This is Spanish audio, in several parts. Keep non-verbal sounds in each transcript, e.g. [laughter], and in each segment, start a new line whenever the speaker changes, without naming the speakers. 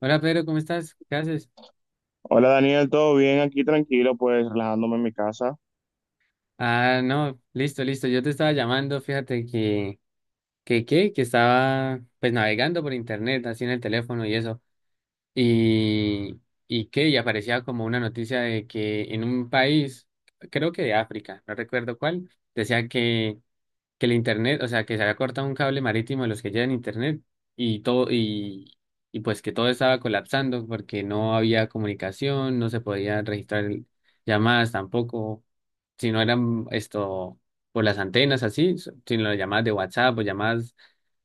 Hola Pedro, ¿cómo estás? ¿Qué haces?
Hola Daniel, ¿todo bien? Aquí tranquilo, pues relajándome en mi casa.
Ah, no, listo, listo. Yo te estaba llamando, fíjate que estaba pues navegando por internet, así en el teléfono y eso. Y, y y aparecía como una noticia de que en un país, creo que de África, no recuerdo cuál, decía que el internet, o sea, que se había cortado un cable marítimo de los que llevan internet y todo, y pues que todo estaba colapsando porque no había comunicación, no se podía registrar llamadas tampoco. Si no eran esto por las antenas así, sino las llamadas de WhatsApp o llamadas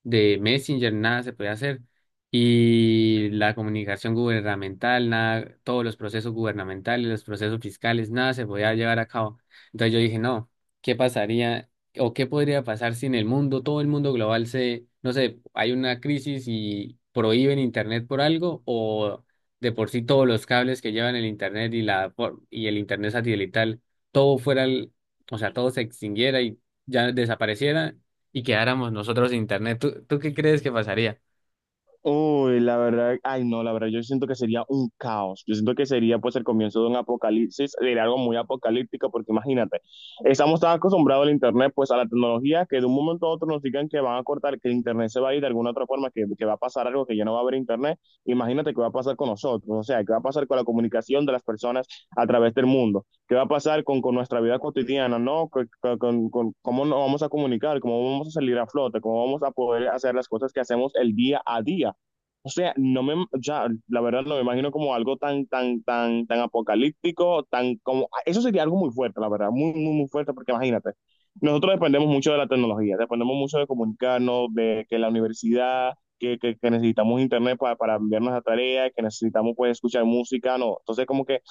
de Messenger, nada se podía hacer. Y la comunicación gubernamental, nada, todos los procesos gubernamentales, los procesos fiscales, nada se podía llevar a cabo. Entonces yo dije, no, ¿qué pasaría o qué podría pasar si en el mundo, todo el mundo global se, no sé, hay una crisis y prohíben Internet por algo o de por sí todos los cables que llevan el Internet y, la, y el Internet satelital, todo fuera, o sea, todo se extinguiera y ya desapareciera y quedáramos nosotros de internet. ¿Tú qué crees que pasaría?
Uy, la verdad, ay no, la verdad, yo siento que sería un caos. Yo siento que sería pues el comienzo de un apocalipsis, sería algo muy apocalíptico, porque imagínate, estamos tan acostumbrados al internet, pues a la tecnología, que de un momento a otro nos digan que van a cortar, que el internet se va a ir de alguna otra forma, que va a pasar algo, que ya no va a haber internet. Imagínate qué va a pasar con nosotros, o sea, qué va a pasar con la comunicación de las personas a través del mundo, qué va a pasar con, nuestra vida cotidiana, ¿no? Con cómo nos vamos a comunicar, cómo vamos a salir a flote, cómo vamos a poder hacer las cosas que hacemos el día a día. O sea, no me, o sea, la verdad no me imagino como algo tan apocalíptico, tan como, eso sería algo muy fuerte, la verdad, muy, muy, muy fuerte, porque imagínate, nosotros dependemos mucho de la tecnología, dependemos mucho de comunicarnos, de que la universidad, que necesitamos internet para enviar nuestra tarea, que necesitamos pues escuchar música, no, entonces como que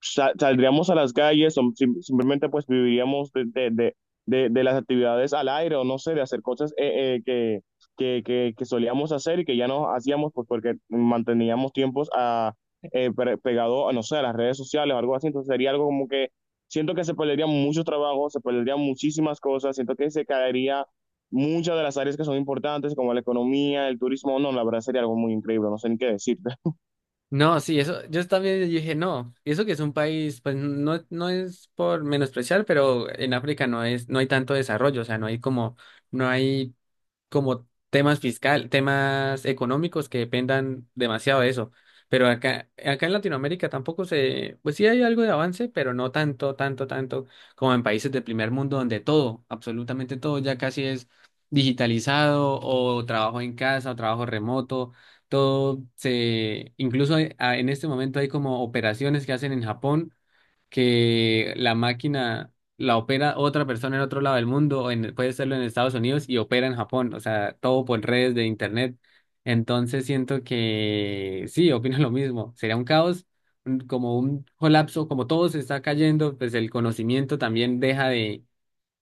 saldríamos a las calles o simplemente pues viviríamos de las actividades al aire o no sé, de hacer cosas que solíamos hacer y que ya no hacíamos pues porque manteníamos tiempos a, pegado a, no sé, a las redes sociales o algo así. Entonces sería algo como que siento que se perderían muchos trabajos, se perderían muchísimas cosas, siento que se caería muchas de las áreas que son importantes como la economía, el turismo. No, la verdad sería algo muy increíble, no sé ni qué decirte.
No, sí, eso, yo también dije, no, y eso que es un país, pues no, no es por menospreciar, pero en África no es, no hay tanto desarrollo, o sea, no hay como temas fiscal, temas económicos que dependan demasiado de eso. Pero acá, acá en Latinoamérica tampoco se, pues sí hay algo de avance, pero no tanto, tanto, tanto como en países del primer mundo donde todo, absolutamente todo ya casi es digitalizado o trabajo en casa o trabajo remoto todo se, incluso en este momento hay como operaciones que hacen en Japón que la máquina la opera otra persona en otro lado del mundo o puede serlo en Estados Unidos y opera en Japón, o sea, todo por redes de internet. Entonces siento que sí, opino [laughs] lo mismo. Sería un caos, como un colapso, como todo se está cayendo, pues el conocimiento también deja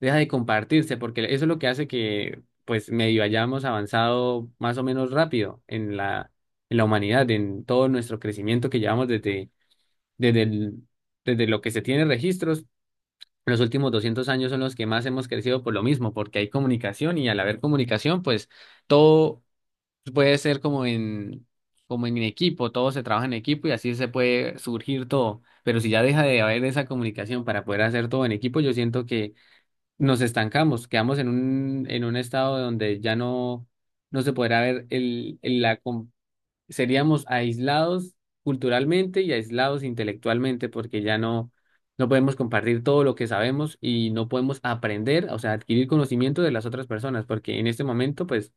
deja de compartirse, porque eso es lo que hace que, pues, medio hayamos avanzado más o menos rápido en la humanidad, en todo nuestro crecimiento que llevamos desde, desde el- desde lo que se tiene registros. Los últimos 200 años son los que más hemos crecido por lo mismo, porque hay comunicación y al haber comunicación, pues, todo puede ser como en, como en equipo, todo se trabaja en equipo y así se puede surgir todo. Pero si ya deja de haber esa comunicación para poder hacer todo en equipo, yo siento que nos estancamos, quedamos en un estado donde ya no se podrá ver el, seríamos aislados culturalmente y aislados intelectualmente porque ya no podemos compartir todo lo que sabemos y no podemos aprender, o sea, adquirir conocimiento de las otras personas, porque en este momento, pues,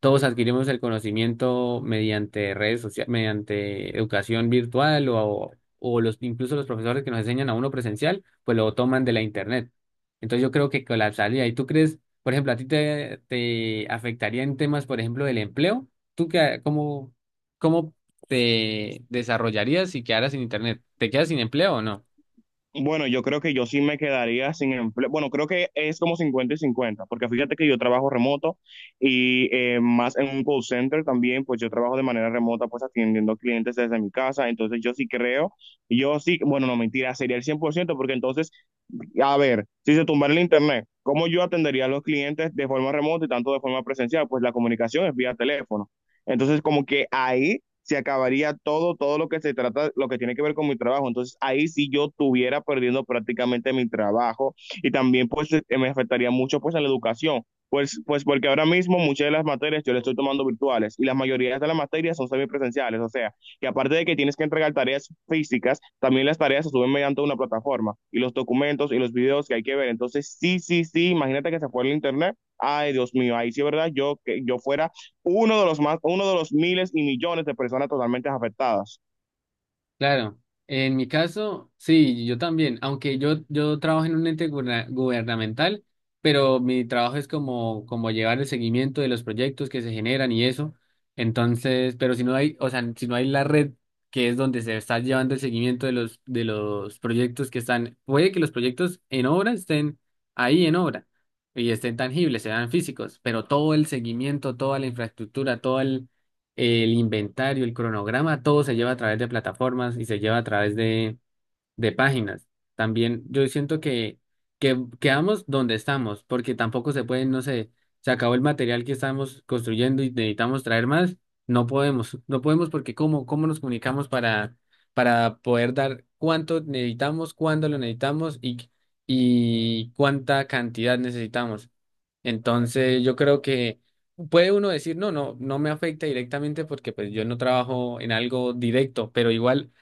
todos adquirimos el conocimiento mediante redes sociales, mediante educación virtual o los, incluso los profesores que nos enseñan a uno presencial, pues lo toman de la internet. Entonces yo creo que colapsaría. ¿Y tú crees, por ejemplo, a ti te afectaría en temas, por ejemplo, del empleo? ¿Tú qué, cómo te desarrollarías si quedaras sin internet? ¿Te quedas sin empleo o no?
Bueno, yo creo que yo sí me quedaría sin empleo. Bueno, creo que es como 50 y 50 porque fíjate que yo trabajo remoto y más en un call center también, pues yo trabajo de manera remota, pues atendiendo clientes desde mi casa. Entonces yo sí creo, yo sí, bueno, no mentira, sería el 100% porque entonces a ver, si se tumbara el internet, ¿cómo yo atendería a los clientes de forma remota y tanto de forma presencial? Pues la comunicación es vía teléfono. Entonces, como que ahí se acabaría todo, todo lo que se trata, lo que tiene que ver con mi trabajo. Entonces, ahí sí yo estuviera perdiendo prácticamente mi trabajo y también pues me afectaría mucho pues en la educación. Pues porque ahora mismo muchas de las materias yo las estoy tomando virtuales y las mayorías de las materias son semipresenciales, o sea, que aparte de que tienes que entregar tareas físicas, también las tareas se suben mediante una plataforma y los documentos y los videos que hay que ver. Entonces, sí, sí, sí, imagínate que se fue el internet. Ay, Dios mío, ahí sí, ¿verdad? Yo que yo fuera uno de los más, uno de los miles y millones de personas totalmente afectadas.
Claro, en mi caso, sí, yo también, aunque yo trabajo en un ente gubernamental, pero mi trabajo es como, como llevar el seguimiento de los proyectos que se generan y eso. Entonces, pero si no hay, o sea, si no hay la red que es donde se está llevando el seguimiento de los proyectos que están, puede que los proyectos en obra estén ahí en obra y estén tangibles, sean físicos, pero todo el seguimiento, toda la infraestructura, todo el inventario, el cronograma, todo se lleva a través de plataformas y se lleva a través de páginas. También yo siento que quedamos donde estamos, porque tampoco se puede, no sé, se acabó el material que estamos construyendo y necesitamos traer más. No podemos, no podemos porque ¿cómo, cómo nos comunicamos para poder dar cuánto necesitamos, cuándo lo necesitamos y cuánta cantidad necesitamos? Entonces, yo creo que puede uno decir, no me afecta directamente porque pues yo no trabajo en algo directo, pero igual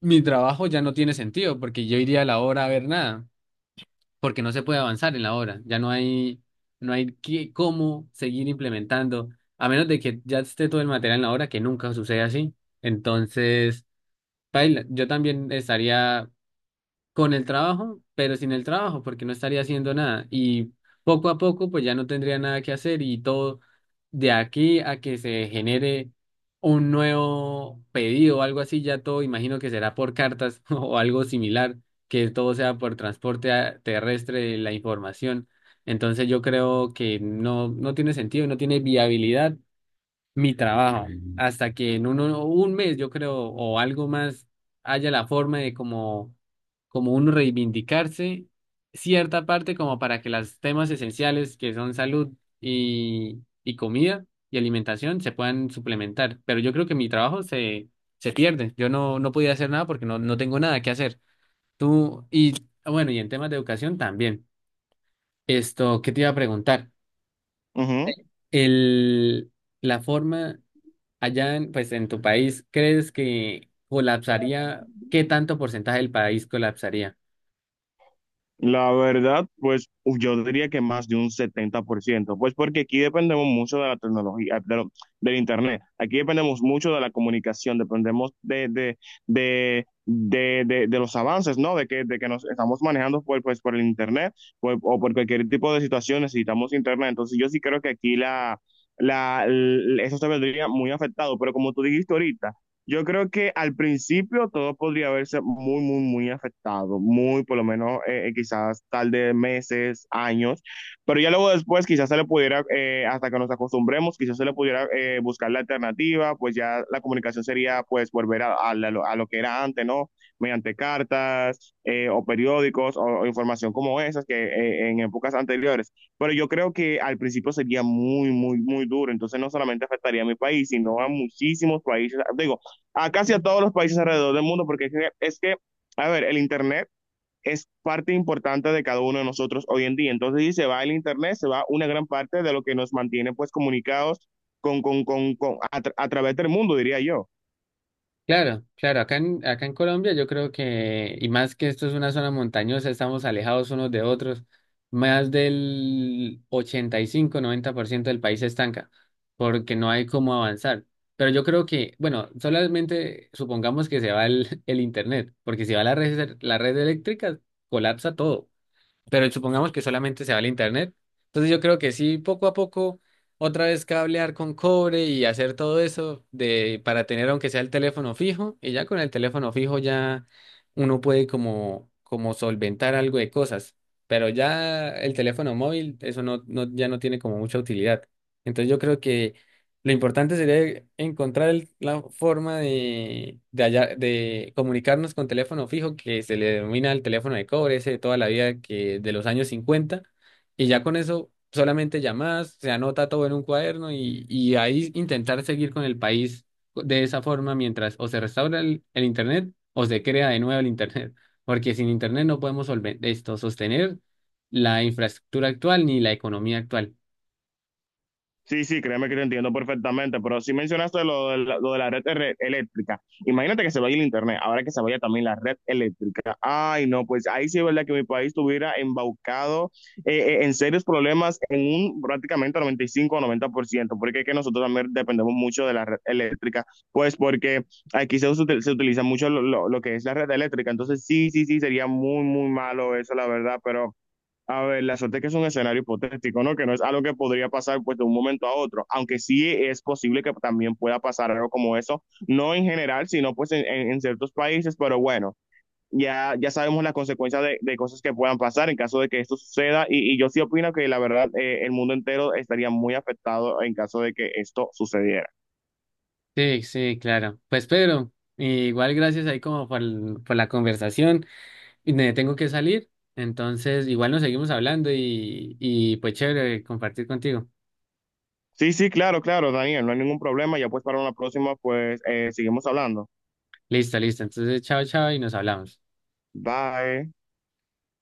mi trabajo ya no tiene sentido porque yo iría a la hora a ver nada, porque no se puede avanzar en la hora, ya no hay cómo seguir implementando, a menos de que ya esté todo el material en la hora, que nunca sucede así. Entonces, paila, yo también estaría con el trabajo, pero sin el trabajo, porque no estaría haciendo nada. Y poco a poco, pues ya no tendría nada que hacer y todo de aquí a que se genere un nuevo pedido o algo así, ya todo imagino que será por cartas [laughs] o algo similar, que todo sea por transporte terrestre de la información. Entonces yo creo que no, no tiene sentido, no tiene viabilidad mi trabajo, hasta que en uno, un mes, yo creo, o algo más, haya la forma de como, como uno reivindicarse cierta parte como para que los temas esenciales que son salud y comida y alimentación se puedan suplementar. Pero yo creo que mi trabajo se pierde. Yo no podía hacer nada porque no tengo nada que hacer. Tú, y bueno, y en temas de educación también. Esto, ¿qué te iba a preguntar?
Ujú.
El, la forma... Allá, en, pues en tu país, ¿crees que colapsaría? ¿Qué tanto porcentaje del país colapsaría?
La verdad, pues uf, yo diría que más de un 70% pues porque aquí dependemos mucho de la tecnología, del internet, aquí dependemos mucho de la comunicación, dependemos de los avances, ¿no? De que nos estamos manejando por, pues, por el internet pues, o por cualquier tipo de situación necesitamos internet, entonces yo sí creo que aquí eso se vendría muy afectado, pero como tú dijiste ahorita, yo creo que al principio todo podría verse muy, muy, muy afectado, por lo menos quizás tal de meses, años, pero ya luego después quizás se le pudiera, hasta que nos acostumbremos, quizás se le pudiera buscar la alternativa, pues ya la comunicación sería pues volver a lo que era antes, ¿no? Mediante cartas o periódicos o información como esas que en épocas anteriores. Pero yo creo que al principio sería muy, muy, muy duro, entonces no solamente afectaría a mi país, sino a muchísimos países, digo, a casi a todos los países alrededor del mundo, porque es que, a ver, el internet es parte importante de cada uno de nosotros hoy en día. Entonces, si se va el internet, se va una gran parte de lo que nos mantiene pues comunicados a través del mundo, diría yo.
Claro, claro, acá en, acá en Colombia yo creo que, y más que esto es una zona montañosa, estamos alejados unos de otros, más del 85-90% del país se estanca, porque no hay cómo avanzar. Pero yo creo que, bueno, solamente supongamos que se va el, [laughs] el internet, porque si va la red eléctrica, colapsa todo. Pero supongamos que solamente se va al internet. Entonces yo creo que sí, poco a poco, otra vez cablear con cobre y hacer todo eso de, para tener aunque sea el teléfono fijo, y ya con el teléfono fijo ya uno puede como, como solventar algo de cosas, pero ya el teléfono móvil, eso no, no, ya no tiene como mucha utilidad. Entonces yo creo que lo importante sería encontrar la forma de, de comunicarnos con teléfono fijo, que se le denomina el teléfono de cobre, ese de toda la vida que de los años 50 y ya con eso solamente llamadas, se anota todo en un cuaderno y ahí intentar seguir con el país de esa forma mientras o se restaura el Internet o se crea de nuevo el Internet, porque sin Internet no podemos esto, sostener la infraestructura actual ni la economía actual.
Sí, sí, créeme que te entiendo perfectamente, pero si mencionaste lo de la red eléctrica, imagínate que se vaya el internet, ahora que se vaya también la red eléctrica. Ay, no, pues ahí sí es verdad que mi país estuviera embaucado en serios problemas en un prácticamente 95 o 90%, porque es que nosotros también dependemos mucho de la red eléctrica, pues porque aquí se utiliza mucho lo que es la red eléctrica, entonces sí, sí, sí, sería muy, muy malo eso, la verdad, pero... A ver, la suerte es que es un escenario hipotético, ¿no? Que no es algo que podría pasar pues de un momento a otro, aunque sí es posible que también pueda pasar algo como eso, no en general, sino pues en, en ciertos países, pero bueno, ya sabemos las consecuencias de cosas que puedan pasar en caso de que esto suceda y yo sí opino que la verdad el mundo entero estaría muy afectado en caso de que esto sucediera.
Sí, sí, claro. Pues Pedro, igual gracias ahí como por, por la conversación. Y me tengo que salir, entonces igual nos seguimos hablando y pues chévere compartir contigo.
Sí, sí, claro, claro, Daniel, no hay ningún problema, ya pues para una próxima pues seguimos hablando.
Listo, listo. Entonces, chao, chao y nos hablamos.
Bye.